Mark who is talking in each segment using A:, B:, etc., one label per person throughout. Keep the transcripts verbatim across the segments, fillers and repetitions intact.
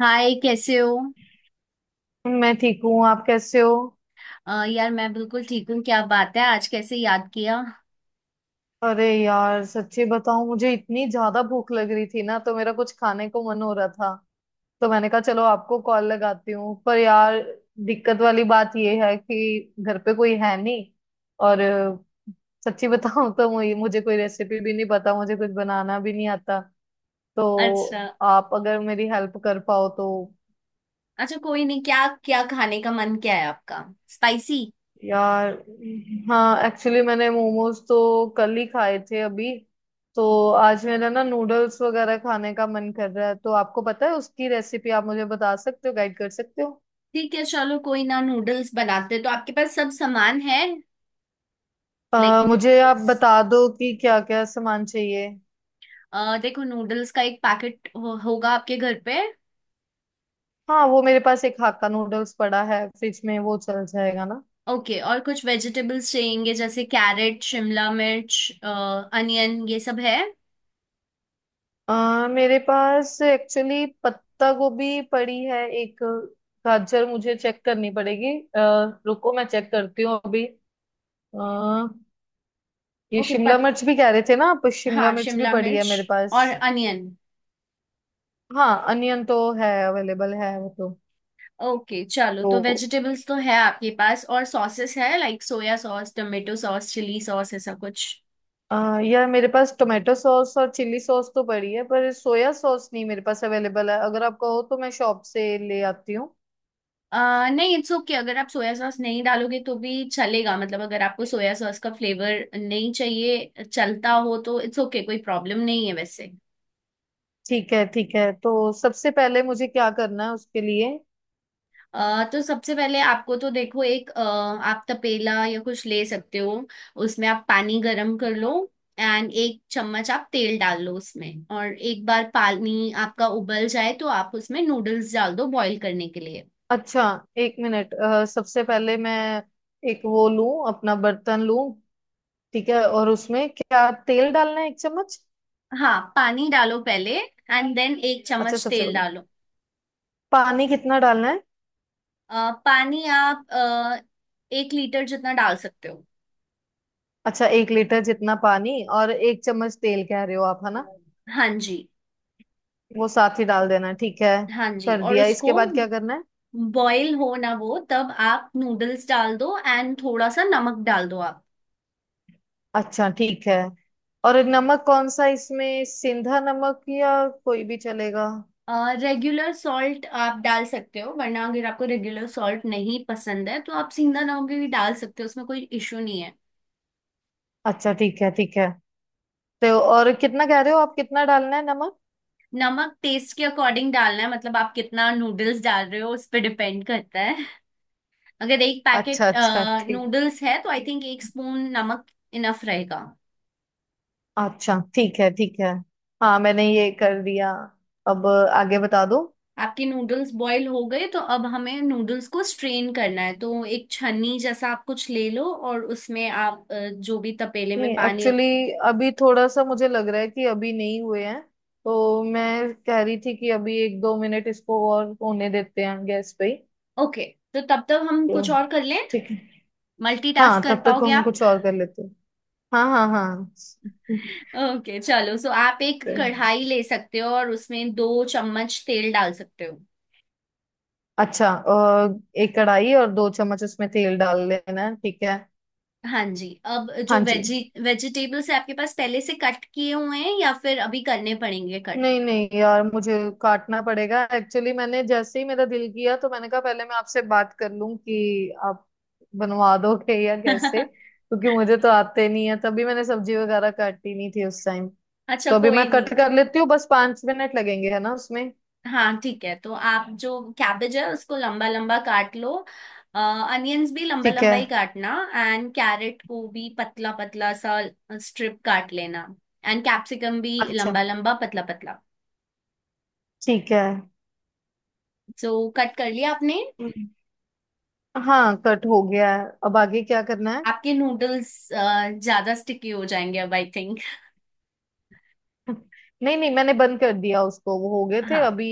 A: हाय, कैसे हो?
B: मैं ठीक हूँ। आप कैसे हो?
A: अ, यार, मैं बिल्कुल ठीक हूँ। क्या बात है, आज कैसे याद किया?
B: अरे यार, सच्ची बताऊं, मुझे इतनी ज्यादा भूख लग रही थी ना, तो मेरा कुछ खाने को मन हो रहा था। तो मैंने कहा चलो आपको कॉल लगाती हूँ। पर यार, दिक्कत वाली बात ये है कि घर पे कोई है नहीं। और अ, सच्ची बताऊं तो मुझे मुझे कोई रेसिपी भी नहीं पता, मुझे कुछ बनाना भी नहीं आता।
A: अच्छा।
B: तो आप अगर मेरी हेल्प कर पाओ तो।
A: अच्छा, कोई नहीं। क्या क्या खाने का मन क्या है आपका? स्पाइसी।
B: यार, हाँ, एक्चुअली मैंने मोमोज तो कल ही खाए थे। अभी तो आज मेरा ना नूडल्स वगैरह खाने का मन कर रहा है। तो आपको पता है उसकी रेसिपी? आप मुझे बता सकते हो, गाइड कर सकते हो?
A: ठीक है, चलो कोई ना, नूडल्स बनाते हैं। तो आपके पास सब सामान है लाइक
B: अ, मुझे आप
A: नूडल्स?
B: बता दो कि क्या क्या सामान चाहिए।
A: देखो, नूडल्स का एक पैकेट हो, होगा आपके घर पे।
B: हाँ, वो मेरे पास एक हाक्का नूडल्स पड़ा है फ्रिज में, वो चल जाएगा ना?
A: ओके। और कुछ वेजिटेबल्स चाहिए जैसे कैरेट, शिमला मिर्च, अनियन, ये सब है?
B: अ, मेरे पास एक्चुअली पत्ता गोभी पड़ी है एक। गाजर मुझे चेक करनी पड़ेगी। अ, रुको मैं चेक करती हूँ अभी। ये
A: ओके।
B: शिमला
A: पत
B: मिर्च भी कह रहे थे ना आप? शिमला
A: हाँ,
B: मिर्च भी
A: शिमला
B: पड़ी है
A: मिर्च
B: मेरे पास।
A: और अनियन।
B: हाँ, अनियन तो है, अवेलेबल है वो तो।
A: ओके, चलो तो
B: तो
A: वेजिटेबल्स तो है आपके पास। और सॉसेस है like soya sauce, tomato sauce, chilli sauce, ऐसा कुछ?
B: अह, यार, मेरे पास टोमेटो सॉस और चिली सॉस तो पड़ी है, पर सोया सॉस नहीं मेरे पास अवेलेबल है। अगर आप कहो तो मैं शॉप से ले आती हूँ।
A: आ, नहीं, इट्स ओके। अगर आप सोया सॉस नहीं डालोगे तो भी चलेगा। मतलब अगर आपको सोया सॉस का फ्लेवर नहीं चाहिए, चलता हो, तो इट्स ओके, कोई प्रॉब्लम नहीं है वैसे।
B: ठीक है, ठीक है। तो सबसे पहले मुझे क्या करना है उसके लिए?
A: अ तो सबसे पहले आपको, तो देखो, एक अ, आप तपेला या कुछ ले सकते हो। उसमें आप पानी गरम कर लो। एंड एक चम्मच आप तेल डाल लो उसमें। और एक बार पानी आपका उबल जाए तो आप उसमें नूडल्स डाल दो बॉईल करने के लिए।
B: अच्छा। एक मिनट। अह, सबसे पहले मैं एक वो लूं, अपना बर्तन लूं। ठीक है, और उसमें क्या तेल डालना है, एक चम्मच?
A: हाँ, पानी डालो पहले एंड देन एक
B: अच्छा,
A: चम्मच
B: सबसे
A: तेल
B: पहले
A: डालो।
B: पानी कितना डालना है?
A: अ, पानी आप अ, एक लीटर जितना डाल सकते हो।
B: अच्छा, एक लीटर जितना पानी और एक चम्मच तेल कह रहे हो आप, है ना?
A: हाँ जी।
B: वो साथ ही डाल देना है, ठीक है।
A: हाँ जी,
B: कर
A: और
B: दिया,
A: उसको
B: इसके बाद क्या करना है?
A: बॉईल हो ना वो, तब आप नूडल्स डाल दो एंड थोड़ा सा नमक डाल दो आप।
B: अच्छा ठीक है। और नमक कौन सा इसमें, सिंधा नमक या कोई भी चलेगा?
A: रेगुलर सॉल्ट आप डाल सकते हो, वरना अगर आपको रेगुलर सॉल्ट नहीं पसंद है तो आप सीधा नमक भी डाल सकते हो। उसमें कोई इशू नहीं है।
B: अच्छा, ठीक है, ठीक है। तो और कितना कह रहे हो आप, कितना डालना है नमक?
A: नमक टेस्ट के अकॉर्डिंग डालना है। मतलब आप कितना नूडल्स डाल रहे हो उस पर डिपेंड करता है। अगर एक
B: अच्छा
A: पैकेट
B: अच्छा, ठीक।
A: नूडल्स है तो आई थिंक एक स्पून नमक इनफ रहेगा।
B: अच्छा, ठीक है, ठीक है। हाँ मैंने ये कर दिया, अब आगे बता दो।
A: आपके नूडल्स बॉईल हो गए तो अब हमें नूडल्स को स्ट्रेन करना है। तो एक छन्नी जैसा आप कुछ ले लो और उसमें आप, अ, जो भी तपेले
B: नहीं,
A: में पानी।
B: एक्चुअली अभी थोड़ा सा मुझे लग रहा है कि अभी नहीं हुए हैं। तो मैं कह रही थी कि अभी एक दो मिनट इसको और होने देते हैं गैस पे ही।
A: ओके, तो तब तक हम
B: तो
A: कुछ और कर लें।
B: ठीक है। हाँ,
A: मल्टीटास्क कर
B: तब तक
A: पाओगे
B: हम
A: आप?
B: कुछ और कर लेते हैं। हाँ हाँ हाँ।
A: ओके, चलो सो आप एक कढ़ाई ले सकते हो और उसमें दो चम्मच तेल डाल सकते हो।
B: अच्छा। अ, एक कढ़ाई और दो चम्मच उसमें तेल डाल लेना है, ठीक है।
A: हाँ जी, अब जो
B: हाँ जी।
A: वेजी वेजिटेबल्स है आपके पास पहले से कट किए हुए हैं या फिर अभी करने पड़ेंगे कट?
B: नहीं नहीं यार, मुझे काटना पड़ेगा। एक्चुअली मैंने जैसे ही मेरा दिल किया, तो मैंने कहा पहले मैं आपसे बात कर लूं कि आप बनवा दोगे या कैसे, क्योंकि मुझे तो आते नहीं है। तभी मैंने सब्जी वगैरह काटी नहीं थी उस टाइम।
A: अच्छा,
B: तो अभी मैं
A: कोई
B: कट
A: नहीं।
B: कर लेती हूँ, बस पांच मिनट लगेंगे, है ना उसमें।
A: हाँ, ठीक है, तो आप जो कैबेज है उसको लंबा लंबा काट लो। अनियंस भी लंबा
B: ठीक है।
A: लंबा ही काटना एंड कैरेट को भी पतला पतला सा स्ट्रिप काट लेना। एंड कैप्सिकम भी
B: अच्छा,
A: लंबा लंबा, पतला पतला।
B: ठीक है।
A: सो, कट कर लिया आपने?
B: हम्म, हाँ, कट हो गया है, अब आगे क्या करना है?
A: आपके नूडल्स ज्यादा स्टिकी हो जाएंगे अब आई थिंक।
B: नहीं नहीं, मैंने बंद कर दिया उसको, वो हो गए थे
A: हाँ,
B: अभी।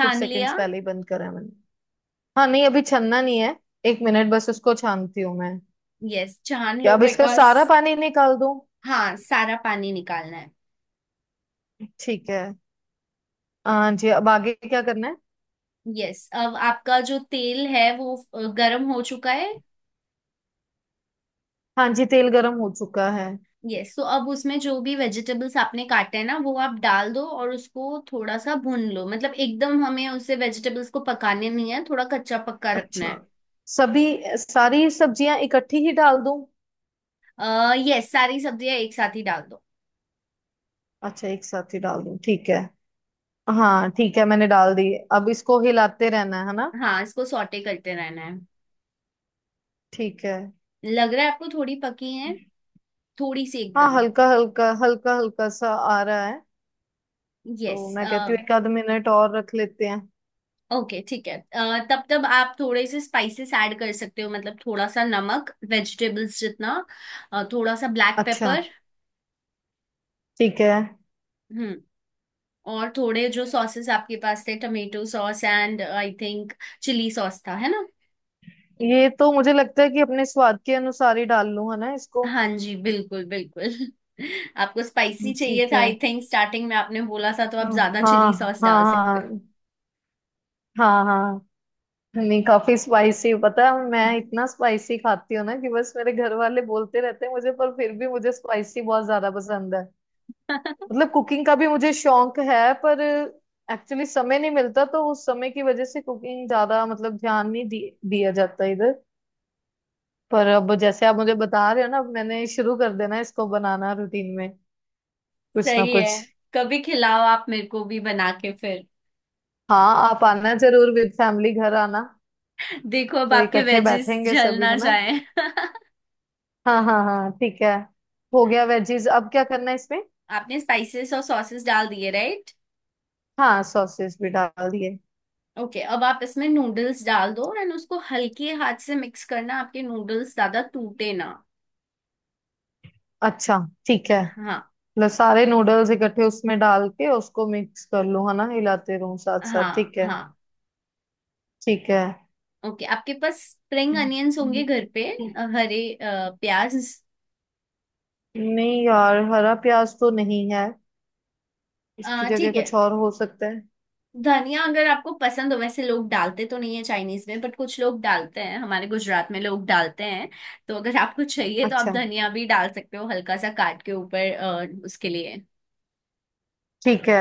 B: कुछ सेकंड्स
A: लिया?
B: पहले ही बंद करा है मैंने। हाँ नहीं, अभी छनना नहीं है। एक मिनट, बस उसको छानती हूँ मैं।
A: यस, छान
B: क्या
A: लो
B: अब इसका
A: बिकॉज।
B: सारा पानी निकाल दूँ?
A: हाँ, सारा पानी निकालना है।
B: ठीक है। हाँ जी, अब आगे क्या करना है?
A: यस, अब आपका जो तेल है वो अ, गरम हो चुका है।
B: हाँ जी, तेल गरम हो चुका है।
A: यस, तो अब उसमें जो भी वेजिटेबल्स आपने काटे हैं ना, वो आप डाल दो और उसको थोड़ा सा भून लो। मतलब एकदम हमें उसे वेजिटेबल्स को पकाने नहीं है, थोड़ा कच्चा पक्का रखना
B: अच्छा।
A: है।
B: सभी, सारी सब्जियां इकट्ठी ही डाल दूं?
A: अः यस, सारी सब्जियां एक साथ ही डाल दो।
B: अच्छा, एक साथ ही डाल दूं, ठीक है। हाँ ठीक है, मैंने डाल दी। अब इसको हिलाते रहना है है ना?
A: हाँ, इसको सॉटे करते रहना है।
B: ठीक है।
A: लग रहा है आपको थोड़ी पकी है, थोड़ी सी
B: हाँ,
A: एकदम।
B: हल्का हल्का हल्का हल्का सा आ रहा है।
A: यस।
B: तो मैं कहती हूँ एक आध मिनट और रख लेते हैं।
A: ओके, ठीक है, अ, तब तब आप थोड़े से स्पाइसेस ऐड कर सकते हो। मतलब थोड़ा सा नमक वेजिटेबल्स जितना। अ, थोड़ा सा ब्लैक
B: अच्छा
A: पेपर।
B: ठीक है।
A: और थोड़े जो सॉसेस आपके पास थे, tomato sauce and I think chilli sauce था, है ना?
B: ये तो मुझे लगता है कि अपने स्वाद के अनुसार ही डाल लूं, है ना इसको।
A: हाँ जी, बिल्कुल, बिल्कुल। आपको स्पाइसी चाहिए
B: ठीक
A: था
B: है।
A: आई थिंक, स्टार्टिंग में आपने बोला था, तो आप
B: हाँ
A: ज्यादा चिली
B: हाँ
A: सॉस डाल सकते हो।
B: हाँ। हाँ हाँ। नहीं, काफी स्पाइसी पता है। मैं इतना स्पाइसी खाती हूँ ना कि बस मेरे घर वाले बोलते रहते हैं मुझे, पर फिर भी मुझे स्पाइसी बहुत ज्यादा पसंद है। मतलब कुकिंग का भी मुझे शौक है, पर एक्चुअली समय नहीं मिलता। तो उस समय की वजह से कुकिंग ज्यादा मतलब ध्यान नहीं दि, दिया जाता इधर। पर अब जैसे आप मुझे बता रहे हो ना, अब मैंने शुरू कर देना है इसको बनाना रूटीन में। कुछ ना
A: सही है।
B: कुछ।
A: कभी खिलाओ आप मेरे को भी बना के फिर।
B: हाँ, आप आना जरूर, विद फैमिली घर आना।
A: देखो, अब
B: तो
A: आपके
B: इकट्ठे
A: वेजेस
B: बैठेंगे
A: जल
B: सभी,
A: ना
B: है ना?
A: जाए।
B: हाँ हाँ हाँ, ठीक है। हो गया वेजीज, अब क्या करना है इसमें?
A: आपने स्पाइसेस और सॉसेस डाल दिए, राइट?
B: हाँ, सॉसेस भी डाल दिए।
A: ओके, अब आप इसमें नूडल्स डाल दो एंड उसको हल्के हाथ से मिक्स करना, आपके नूडल्स ज्यादा टूटे ना।
B: अच्छा, ठीक है।
A: हाँ,
B: लो, सारे नूडल्स इकट्ठे उसमें डाल के उसको मिक्स कर लूँ, है ना, हिलाते रहूँ साथ साथ,
A: हाँ,
B: ठीक है।
A: हाँ।
B: ठीक है।
A: ओके, आपके पास स्प्रिंग अनियंस होंगे घर पे? अ, हरे अ, प्याज।
B: नहीं यार, हरा प्याज तो नहीं है। इसकी
A: अ,
B: जगह
A: ठीक है।
B: कुछ और हो सकता है?
A: धनिया अगर आपको पसंद हो, वैसे लोग डालते तो नहीं है चाइनीज में, बट कुछ लोग डालते हैं, हमारे गुजरात में लोग डालते हैं। तो अगर आपको चाहिए तो आप
B: अच्छा,
A: धनिया भी डाल सकते हो, हल्का सा काट के ऊपर, अ, उसके लिए।
B: ठीक है।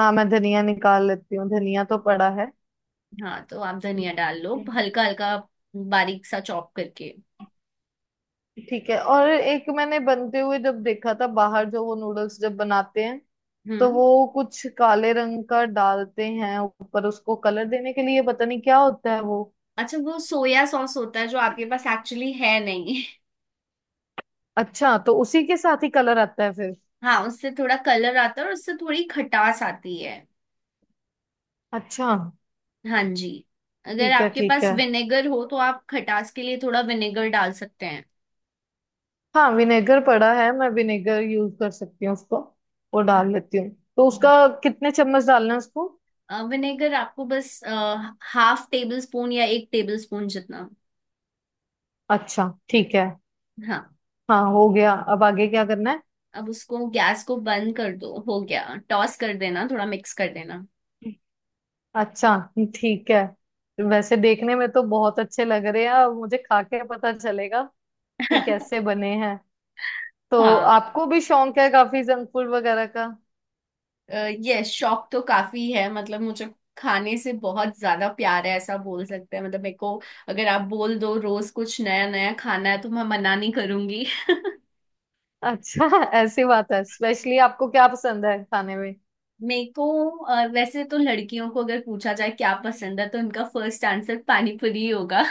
B: हाँ, मैं धनिया निकाल लेती हूँ, धनिया तो पड़ा
A: हाँ, तो आप धनिया डाल लो
B: है।
A: हल्का हल्का, बारीक सा चॉप करके।
B: ठीक है। और एक, मैंने बनते हुए जब देखा था बाहर, जो वो नूडल्स जब बनाते हैं, तो
A: हम्म।
B: वो कुछ काले रंग का डालते हैं ऊपर उसको कलर देने के लिए। पता नहीं क्या होता है वो।
A: अच्छा, वो सोया सॉस होता है जो आपके पास एक्चुअली है नहीं।
B: अच्छा, तो उसी के साथ ही कलर आता है फिर।
A: हाँ, उससे थोड़ा कलर आता है और उससे थोड़ी खटास आती है।
B: अच्छा,
A: हाँ जी। अगर
B: ठीक है,
A: आपके
B: ठीक
A: पास
B: है।
A: विनेगर हो तो आप खटास के लिए थोड़ा विनेगर डाल सकते हैं।
B: हाँ विनेगर पड़ा है, मैं विनेगर यूज कर सकती हूँ उसको। वो डाल लेती हूँ। तो उसका कितने चम्मच डालना है उसको?
A: अ, विनेगर आपको बस हाफ टेबल स्पून या एक टेबल स्पून जितना।
B: अच्छा, ठीक है।
A: हाँ।
B: हाँ हो गया, अब आगे क्या करना है?
A: अब उसको गैस को बंद कर दो, हो गया। टॉस कर देना, थोड़ा मिक्स कर देना।
B: अच्छा, ठीक है। वैसे देखने में तो बहुत अच्छे लग रहे हैं, और मुझे खा के पता चलेगा कि कैसे बने हैं। तो
A: हाँ।
B: आपको भी शौक है काफी जंक फूड वगैरह का?
A: यस, शौक तो काफी है, मतलब मुझे खाने से बहुत ज्यादा प्यार है ऐसा बोल सकते हैं, मतलब मेरे को। अगर आप बोल दो रोज कुछ नया नया खाना है तो मैं मना नहीं करूंगी।
B: अच्छा। ऐसी बात है? स्पेशली आपको क्या पसंद है खाने में?
A: मेरे को, अ, वैसे तो लड़कियों को अगर पूछा जाए क्या पसंद है तो उनका फर्स्ट आंसर पानी पूरी ही होगा।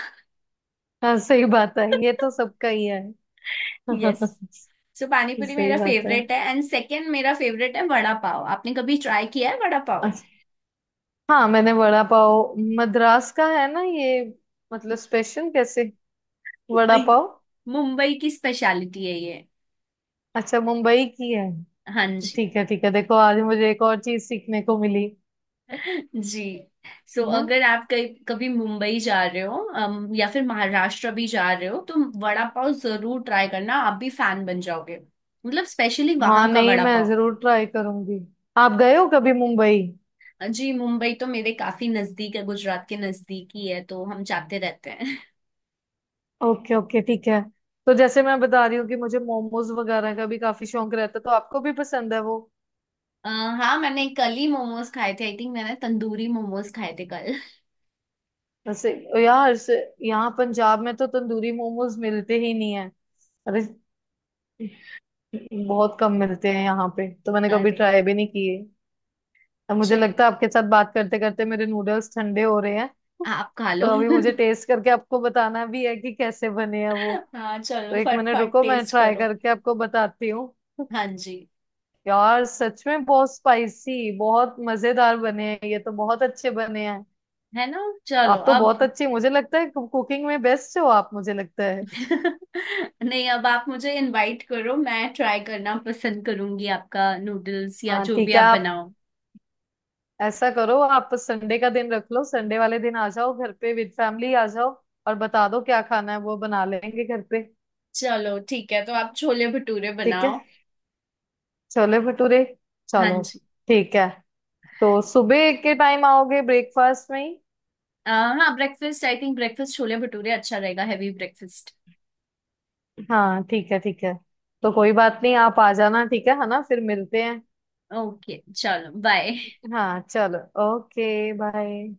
B: हाँ सही बात है, ये तो सबका ही है।
A: यस। सो, पानी पूरी
B: सही
A: मेरा
B: बात है।
A: फेवरेट है एंड सेकंड मेरा फेवरेट है वड़ा पाव। आपने कभी ट्राई किया है वड़ा पाव?
B: अच्छा। हाँ मैंने वड़ा पाव। मद्रास का है ना ये? मतलब स्पेशल कैसे
A: अ,
B: वड़ा पाव?
A: मुंबई की स्पेशलिटी है ये।
B: अच्छा, मुंबई की है।
A: हाँ जी।
B: ठीक है, ठीक है। देखो आज मुझे एक और चीज सीखने को मिली
A: जी। सो,
B: है।
A: अगर आप कहीं कभी मुंबई जा रहे हो, अम, या फिर महाराष्ट्र भी जा रहे हो तो वड़ा पाव जरूर ट्राई करना, आप भी फैन बन जाओगे, मतलब स्पेशली
B: हाँ
A: वहां का
B: नहीं,
A: वड़ा
B: मैं
A: पाव।
B: जरूर ट्राई करूंगी। आप गए हो कभी मुंबई?
A: जी, मुंबई तो मेरे काफी नजदीक है, गुजरात के नजदीक ही है तो हम जाते रहते हैं।
B: ओके ओके, ठीक है। तो जैसे मैं बता रही हूँ कि मुझे मोमोज वगैरह का भी काफी शौक रहता है, तो आपको भी पसंद है वो?
A: अ, हाँ, मैंने कल ही मोमोज खाए थे आई थिंक। मैंने तंदूरी मोमोज खाए थे कल।
B: वैसे यार से- यहाँ पंजाब में तो तंदूरी मोमोज मिलते ही नहीं है। अरे, बहुत कम मिलते हैं यहाँ पे, तो मैंने कभी
A: अरे।
B: ट्राई भी नहीं किए। अब मुझे
A: चल,
B: लगता है आपके साथ बात करते करते मेरे नूडल्स ठंडे हो रहे हैं।
A: आप खा
B: तो
A: लो।
B: अभी मुझे टेस्ट करके आपको बताना भी है कि कैसे बने हैं वो।
A: हाँ,
B: तो
A: चलो
B: एक मिनट
A: फटफट
B: रुको, मैं
A: टेस्ट
B: ट्राई
A: करो।
B: करके आपको बताती हूँ।
A: हाँ जी।
B: यार सच में बहुत स्पाइसी, बहुत मजेदार बने हैं। ये तो बहुत अच्छे बने हैं।
A: है ना। चलो
B: आप तो
A: अब।
B: बहुत अच्छे, मुझे लगता है कुकिंग में बेस्ट हो आप, मुझे लगता है।
A: नहीं, अब आप मुझे इनवाइट करो, मैं ट्राई करना पसंद करूंगी आपका नूडल्स या
B: हाँ
A: जो भी
B: ठीक है।
A: आप
B: आप
A: बनाओ।
B: ऐसा करो, आप संडे का दिन रख लो। संडे वाले दिन आ जाओ घर पे, विद फैमिली आ जाओ। और बता दो क्या खाना है, वो बना लेंगे घर पे।
A: चलो, ठीक है, तो आप छोले भटूरे
B: ठीक है,
A: बनाओ।
B: छोले भटूरे।
A: हाँ
B: चलो
A: जी।
B: ठीक है। तो सुबह के टाइम आओगे ब्रेकफास्ट में ही?
A: अ, हाँ, breakfast I think, breakfast chole bhature अच्छा रहेगा, हैवी ब्रेकफास्ट।
B: हाँ ठीक है, ठीक है। तो कोई बात नहीं, आप आ जाना। ठीक है है ना? फिर मिलते हैं।
A: ओके, चलो बाय।
B: हाँ चलो। Okay bye.